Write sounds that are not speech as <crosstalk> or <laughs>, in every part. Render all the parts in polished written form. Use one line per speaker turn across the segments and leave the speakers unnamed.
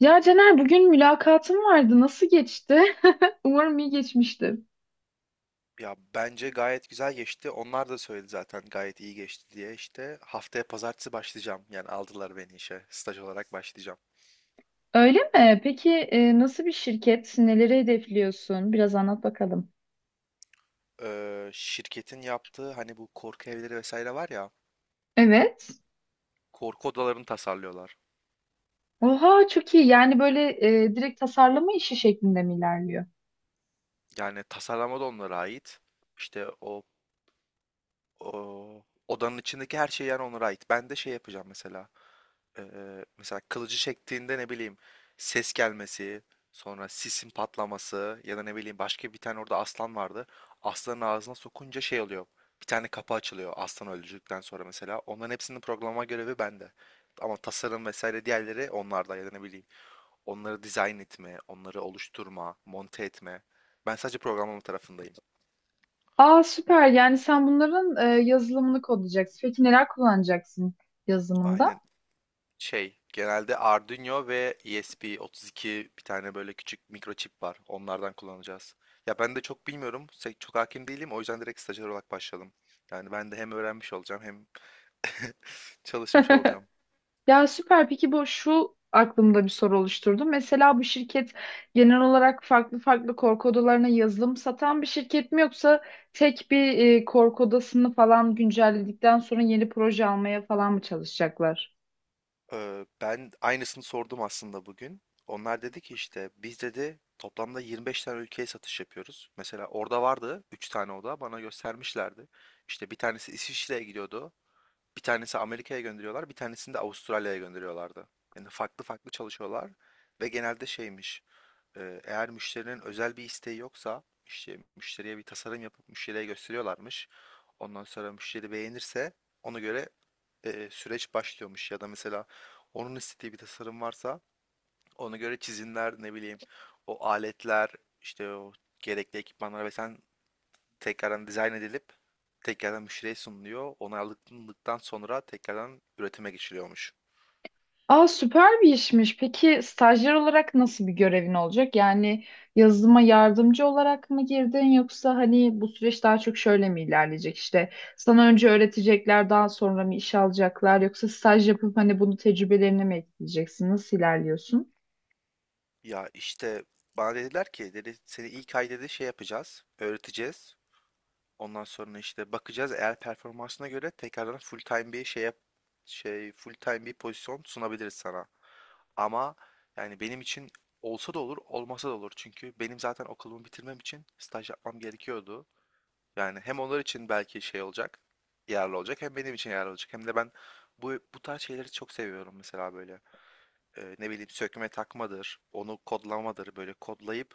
Ya Caner bugün mülakatım vardı. Nasıl geçti? <laughs> Umarım iyi geçmiştir.
Ya bence gayet güzel geçti. Onlar da söyledi zaten gayet iyi geçti diye. İşte haftaya pazartesi başlayacağım. Yani aldılar beni işe. Staj olarak başlayacağım.
Öyle mi? Peki nasıl bir şirket? Neleri hedefliyorsun? Biraz anlat bakalım.
Şirketin yaptığı hani bu korku evleri vesaire var ya.
Evet.
Korku odalarını tasarlıyorlar.
Oha çok iyi. Yani böyle direkt tasarlama işi şeklinde mi ilerliyor?
Yani tasarlama da onlara ait. İşte o O, odanın içindeki her şey yani onlara ait. Ben de şey yapacağım mesela. Mesela kılıcı çektiğinde ne bileyim ses gelmesi, sonra sisin patlaması ya da ne bileyim başka bir tane orada aslan vardı. Aslanın ağzına sokunca şey oluyor. Bir tane kapı açılıyor aslan öldürdükten sonra mesela. Onların hepsinin programlama görevi bende. Ama tasarım vesaire diğerleri onlarda ya da ne bileyim. Onları dizayn etme, onları oluşturma, monte etme. Ben sadece programlama tarafındayım.
Aa süper. Yani sen bunların yazılımını kodlayacaksın. Peki neler kullanacaksın yazılımında?
Aynen. Genelde Arduino ve ESP32 bir tane böyle küçük mikroçip var. Onlardan kullanacağız. Ya ben de çok bilmiyorum. Çok hakim değilim. O yüzden direkt stajyer olarak başladım. Yani ben de hem öğrenmiş olacağım hem <laughs> çalışmış olacağım.
<laughs> Ya süper. Peki bu şu aklımda bir soru oluşturdu. Mesela bu şirket genel olarak farklı farklı korku odalarına yazılım satan bir şirket mi yoksa tek bir korku odasını falan güncelledikten sonra yeni proje almaya falan mı çalışacaklar?
Ben aynısını sordum aslında bugün. Onlar dedi ki işte biz dedi toplamda 25 tane ülkeye satış yapıyoruz. Mesela orada vardı 3 tane oda bana göstermişlerdi. İşte bir tanesi İsviçre'ye gidiyordu. Bir tanesi Amerika'ya gönderiyorlar, bir tanesini de Avustralya'ya gönderiyorlardı. Yani farklı farklı çalışıyorlar ve genelde şeymiş, eğer müşterinin özel bir isteği yoksa, işte müşteriye bir tasarım yapıp müşteriye gösteriyorlarmış. Ondan sonra müşteri beğenirse ona göre süreç başlıyormuş ya da mesela onun istediği bir tasarım varsa ona göre çizimler ne bileyim o aletler işte o gerekli ekipmanlar ve sen tekrardan dizayn edilip tekrardan müşteriye sunuluyor. Onaylandıktan sonra tekrardan üretime geçiliyormuş.
Aa, süper bir işmiş. Peki stajyer olarak nasıl bir görevin olacak? Yani yazılıma yardımcı olarak mı girdin yoksa hani bu süreç daha çok şöyle mi ilerleyecek? İşte sana önce öğretecekler, daha sonra mı iş alacaklar yoksa staj yapıp hani bunu tecrübelerine mi ekleyeceksin? Nasıl ilerliyorsun?
Ya işte bana dediler ki dedi seni ilk ay dedi şey yapacağız, öğreteceğiz. Ondan sonra işte bakacağız eğer performansına göre tekrardan full time bir pozisyon sunabiliriz sana. Ama yani benim için olsa da olur, olmasa da olur. Çünkü benim zaten okulumu bitirmem için staj yapmam gerekiyordu. Yani hem onlar için belki şey olacak, yararlı olacak hem benim için yararlı olacak. Hem de ben bu tarz şeyleri çok seviyorum mesela böyle. Ne bileyim sökme takmadır, onu kodlamadır, böyle kodlayıp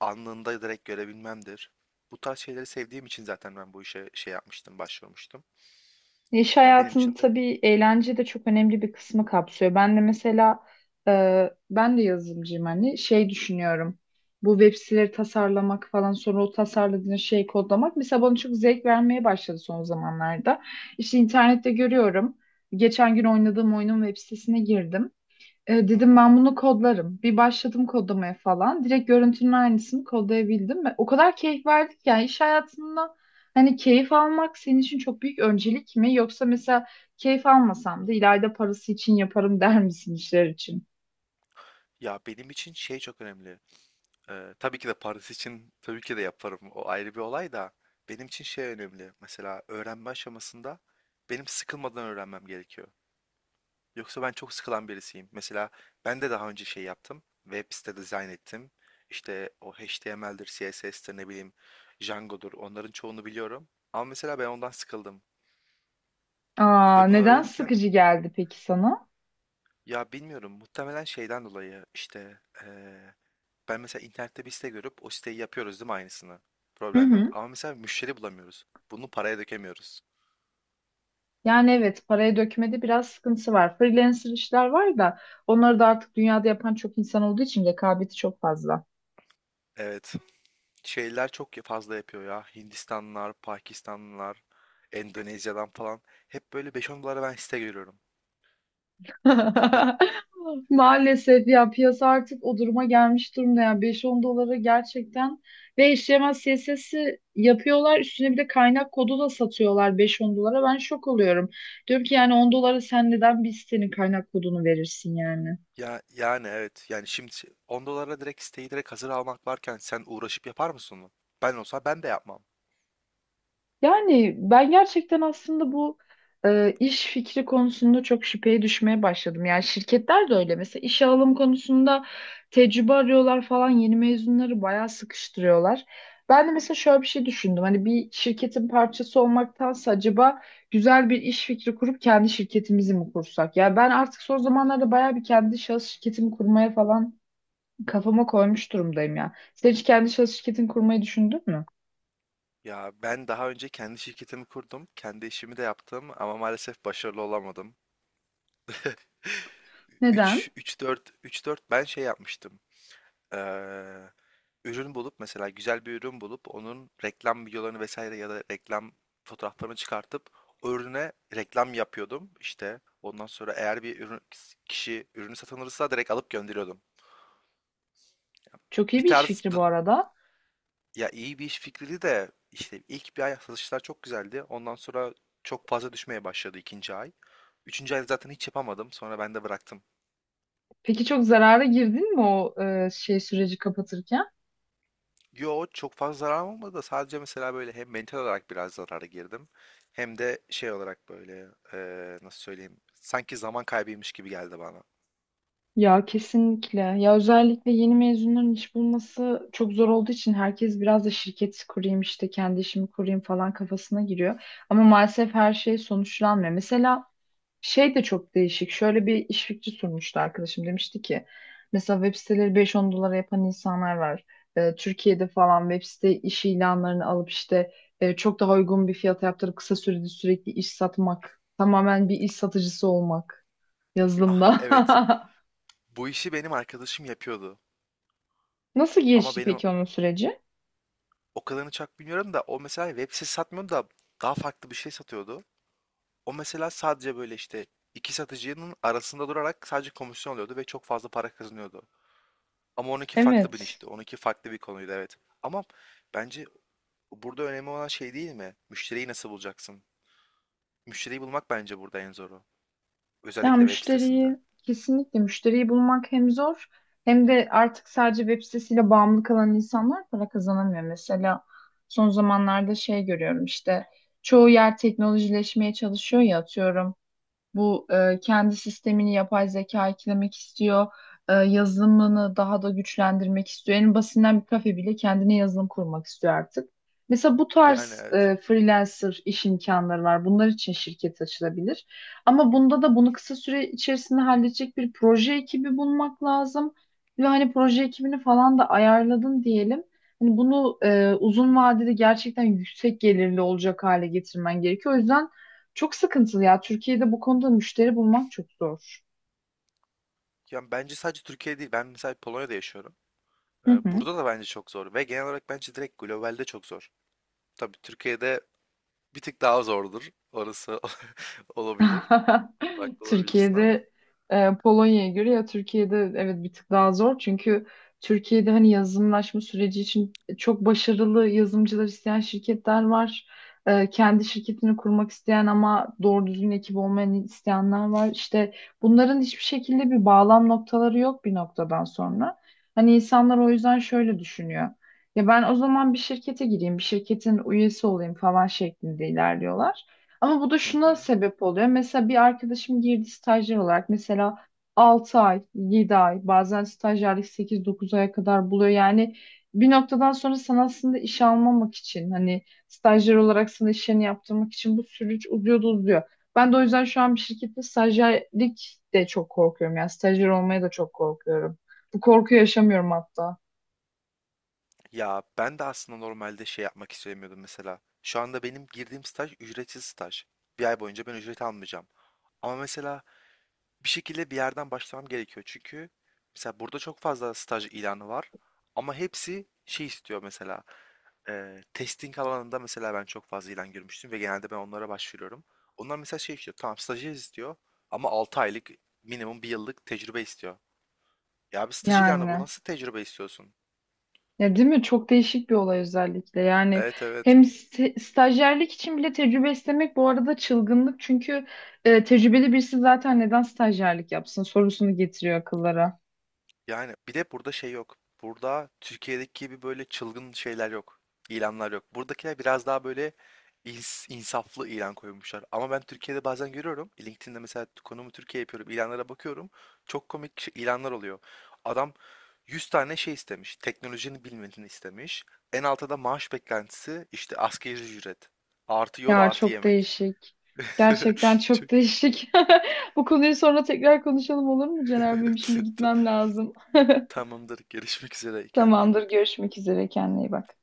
anında direkt görebilmemdir. Bu tarz şeyleri sevdiğim için zaten ben bu işe şey yapmıştım, başvurmuştum.
İş
Yani benim
hayatında
için de.
tabii eğlence de çok önemli bir kısmı kapsıyor. Ben de mesela ben de yazılımcıyım hani şey düşünüyorum. Bu web siteleri tasarlamak falan sonra o tasarladığın şeyi kodlamak mesela bana çok zevk vermeye başladı son zamanlarda. İşte internette görüyorum. Geçen gün oynadığım oyunun web sitesine girdim.
Hı
Dedim
hı.
ben bunu kodlarım. Bir başladım kodlamaya falan. Direkt görüntünün aynısını kodlayabildim ve o kadar keyif verdik ki yani iş hayatında hani keyif almak senin için çok büyük öncelik mi yoksa mesela keyif almasam da ileride parası için yaparım <laughs> der misin işler için?
Ya benim için şey çok önemli. Tabii ki de Paris için tabii ki de yaparım. O ayrı bir olay da benim için şey önemli. Mesela öğrenme aşamasında benim sıkılmadan öğrenmem gerekiyor. Yoksa ben çok sıkılan birisiyim. Mesela ben de daha önce şey yaptım. Web site dizayn ettim. İşte o HTML'dir, CSS'tir ne bileyim Django'dur. Onların çoğunu biliyorum. Ama mesela ben ondan sıkıldım.
Aa,
Ve bunu
neden
öğrenirken
sıkıcı geldi peki sana?
ya bilmiyorum muhtemelen şeyden dolayı işte ben mesela internette bir site görüp o siteyi yapıyoruz değil mi aynısını?
Hı
Problem yok.
hı.
Ama mesela müşteri bulamıyoruz. Bunu paraya dökemiyoruz.
Yani evet, paraya dökmede biraz sıkıntısı var. Freelancer işler var da onları da artık dünyada yapan çok insan olduğu için rekabeti çok fazla.
Evet. Şeyler çok fazla yapıyor ya. Hindistanlılar, Pakistanlılar, Endonezya'dan falan. Hep böyle 5 10 dolara ben site görüyorum. Yani ben,
<laughs> Maalesef ya, piyasa artık o duruma gelmiş durumda ya, beş on dolara gerçekten ve eşleşmez CSS'i yapıyorlar, üstüne bir de kaynak kodu da satıyorlar beş on dolara, ben şok oluyorum. Diyorum ki yani 10 dolara sen neden biz senin kaynak kodunu verirsin yani.
yani evet. Yani şimdi 10 dolara direkt siteyi direkt hazır almak varken sen uğraşıp yapar mısın onu? Ben olsa ben de yapmam.
Yani ben gerçekten aslında bu iş fikri konusunda çok şüpheye düşmeye başladım. Yani şirketler de öyle. Mesela işe alım konusunda tecrübe arıyorlar falan. Yeni mezunları bayağı sıkıştırıyorlar. Ben de mesela şöyle bir şey düşündüm. Hani bir şirketin parçası olmaktansa acaba güzel bir iş fikri kurup kendi şirketimizi mi kursak? Ya ben artık son zamanlarda bayağı bir kendi şahıs şirketimi kurmaya falan kafama koymuş durumdayım ya. Sen hiç kendi şahıs şirketini kurmayı düşündün mü?
Ya ben daha önce kendi şirketimi kurdum. Kendi işimi de yaptım ama maalesef başarılı olamadım.
Neden?
3 3 4 3 4 ben şey yapmıştım. Eee, ürün bulup mesela güzel bir ürün bulup onun reklam videolarını vesaire ya da reklam fotoğraflarını çıkartıp o ürüne reklam yapıyordum. İşte ondan sonra eğer bir ürün kişi ürünü satın alırsa direkt alıp gönderiyordum.
Çok iyi
Bir
bir iş
tarz
fikri
dı-
bu arada.
ya iyi bir iş fikriydi de işte ilk bir ay satışlar çok güzeldi. Ondan sonra çok fazla düşmeye başladı ikinci ay. Üçüncü ay zaten hiç yapamadım. Sonra ben de bıraktım.
Peki çok zarara girdin mi o şey süreci kapatırken?
Yo çok fazla zarar olmadı da sadece mesela böyle hem mental olarak biraz zarara girdim hem de şey olarak böyle nasıl söyleyeyim sanki zaman kaybıymış gibi geldi bana.
Ya kesinlikle. Ya özellikle yeni mezunların iş bulması çok zor olduğu için herkes biraz da şirket kurayım işte kendi işimi kurayım falan kafasına giriyor. Ama maalesef her şey sonuçlanmıyor. Mesela şey de çok değişik. Şöyle bir iş fikri sunmuştu arkadaşım. Demişti ki mesela web siteleri 5-10 dolara yapan insanlar var. Türkiye'de falan web site iş ilanlarını alıp işte çok daha uygun bir fiyata yaptırıp kısa sürede sürekli iş satmak. Tamamen bir iş satıcısı olmak
Ah
yazılımda.
evet bu işi benim arkadaşım yapıyordu
<laughs> Nasıl
ama
gelişti
benim
peki onun süreci?
o kadarını çok bilmiyorum da o mesela hani web sitesi satmıyordu da daha farklı bir şey satıyordu. O mesela sadece böyle işte iki satıcının arasında durarak sadece komisyon alıyordu ve çok fazla para kazanıyordu. Ama onunki farklı bir
Evet.
işti, onunki farklı bir konuydu evet. Ama bence burada önemli olan şey değil mi? Müşteriyi nasıl bulacaksın? Müşteriyi bulmak bence burada en zoru.
Ya
Özellikle web sitesinde.
müşteriyi, kesinlikle müşteriyi bulmak hem zor hem de artık sadece web sitesiyle bağımlı kalan insanlar para kazanamıyor. Mesela son zamanlarda şey görüyorum, işte çoğu yer teknolojileşmeye çalışıyor ya, atıyorum. Bu kendi sistemini yapay zeka eklemek istiyor. Yazılımını daha da güçlendirmek istiyor. En basitinden bir kafe bile kendine yazılım kurmak istiyor artık. Mesela bu
Yani
tarz
evet.
freelancer iş imkanları var. Bunlar için şirket açılabilir. Ama bunda da bunu kısa süre içerisinde halledecek bir proje ekibi bulmak lazım. Ve hani proje ekibini falan da ayarladın diyelim. Hani bunu uzun vadede gerçekten yüksek gelirli olacak hale getirmen gerekiyor. O yüzden çok sıkıntılı ya. Türkiye'de bu konuda müşteri bulmak çok zor.
Yani bence sadece Türkiye değil. Ben mesela Polonya'da yaşıyorum.
Hı hı.
Burada da bence çok zor. Ve genel olarak bence direkt globalde çok zor. Tabii Türkiye'de bir tık daha zordur. Orası <laughs> olabilir. Onda
<laughs>
haklı olabilirsin ama.
Türkiye'de Polonya'ya göre ya Türkiye'de evet bir tık daha zor, çünkü Türkiye'de hani yazılımlaşma süreci için çok başarılı yazılımcılar isteyen şirketler var. Kendi şirketini kurmak isteyen ama doğru düzgün ekip olmayan isteyenler var. İşte bunların hiçbir şekilde bir bağlam noktaları yok bir noktadan sonra. Hani insanlar o yüzden şöyle düşünüyor. Ya ben o zaman bir şirkete gireyim, bir şirketin üyesi olayım falan şeklinde ilerliyorlar. Ama bu da
Hı
şuna
hı.
sebep oluyor. Mesela bir arkadaşım girdi stajyer olarak. Mesela 6 ay, 7 ay, bazen stajyerlik sekiz, dokuz aya kadar buluyor. Yani bir noktadan sonra sana aslında iş almamak için, hani stajyer olarak sana işlerini yaptırmak için bu süreç uzuyor. Ben de o yüzden şu an bir şirkette stajyerlik de çok korkuyorum. Yani stajyer olmaya da çok korkuyorum. Bu korkuyu yaşamıyorum hatta.
Ya ben de aslında normalde şey yapmak istemiyordum mesela. Şu anda benim girdiğim staj ücretsiz staj. Bir ay boyunca ben ücret almayacağım. Ama mesela bir şekilde bir yerden başlamam gerekiyor. Çünkü mesela burada çok fazla staj ilanı var ama hepsi şey istiyor mesela. Testing alanında mesela ben çok fazla ilan görmüştüm ve genelde ben onlara başvuruyorum. Onlar mesela şey istiyor. Tamam stajyer istiyor ama 6 aylık minimum bir yıllık tecrübe istiyor. Ya bir staj ilanı bu
Yani.
nasıl tecrübe istiyorsun?
Ya değil mi? Çok değişik bir olay özellikle. Yani
Evet, evet.
hem stajyerlik için bile tecrübe istemek bu arada çılgınlık. Çünkü tecrübeli birisi zaten neden stajyerlik yapsın sorusunu getiriyor akıllara.
Yani bir de burada şey yok. Burada Türkiye'deki gibi böyle çılgın şeyler yok. İlanlar yok. Buradakiler biraz daha böyle insaflı ilan koymuşlar. Ama ben Türkiye'de bazen görüyorum. LinkedIn'de mesela konumu Türkiye yapıyorum. İlanlara bakıyorum. Çok komik ilanlar oluyor. Adam 100 tane şey istemiş. Teknolojinin bilmediğini istemiş. En altta da maaş beklentisi işte asgari ücret. Artı yol
Ya
artı
çok
yemek.
değişik. Gerçekten
<laughs> Çok-
çok değişik. <laughs> Bu konuyu sonra tekrar konuşalım olur mu Caner? Benim şimdi gitmem
<laughs>
lazım. <laughs>
Tamamdır. Görüşmek üzere. Kendine iyi
Tamamdır.
bak.
Görüşmek üzere. Kendine iyi bak.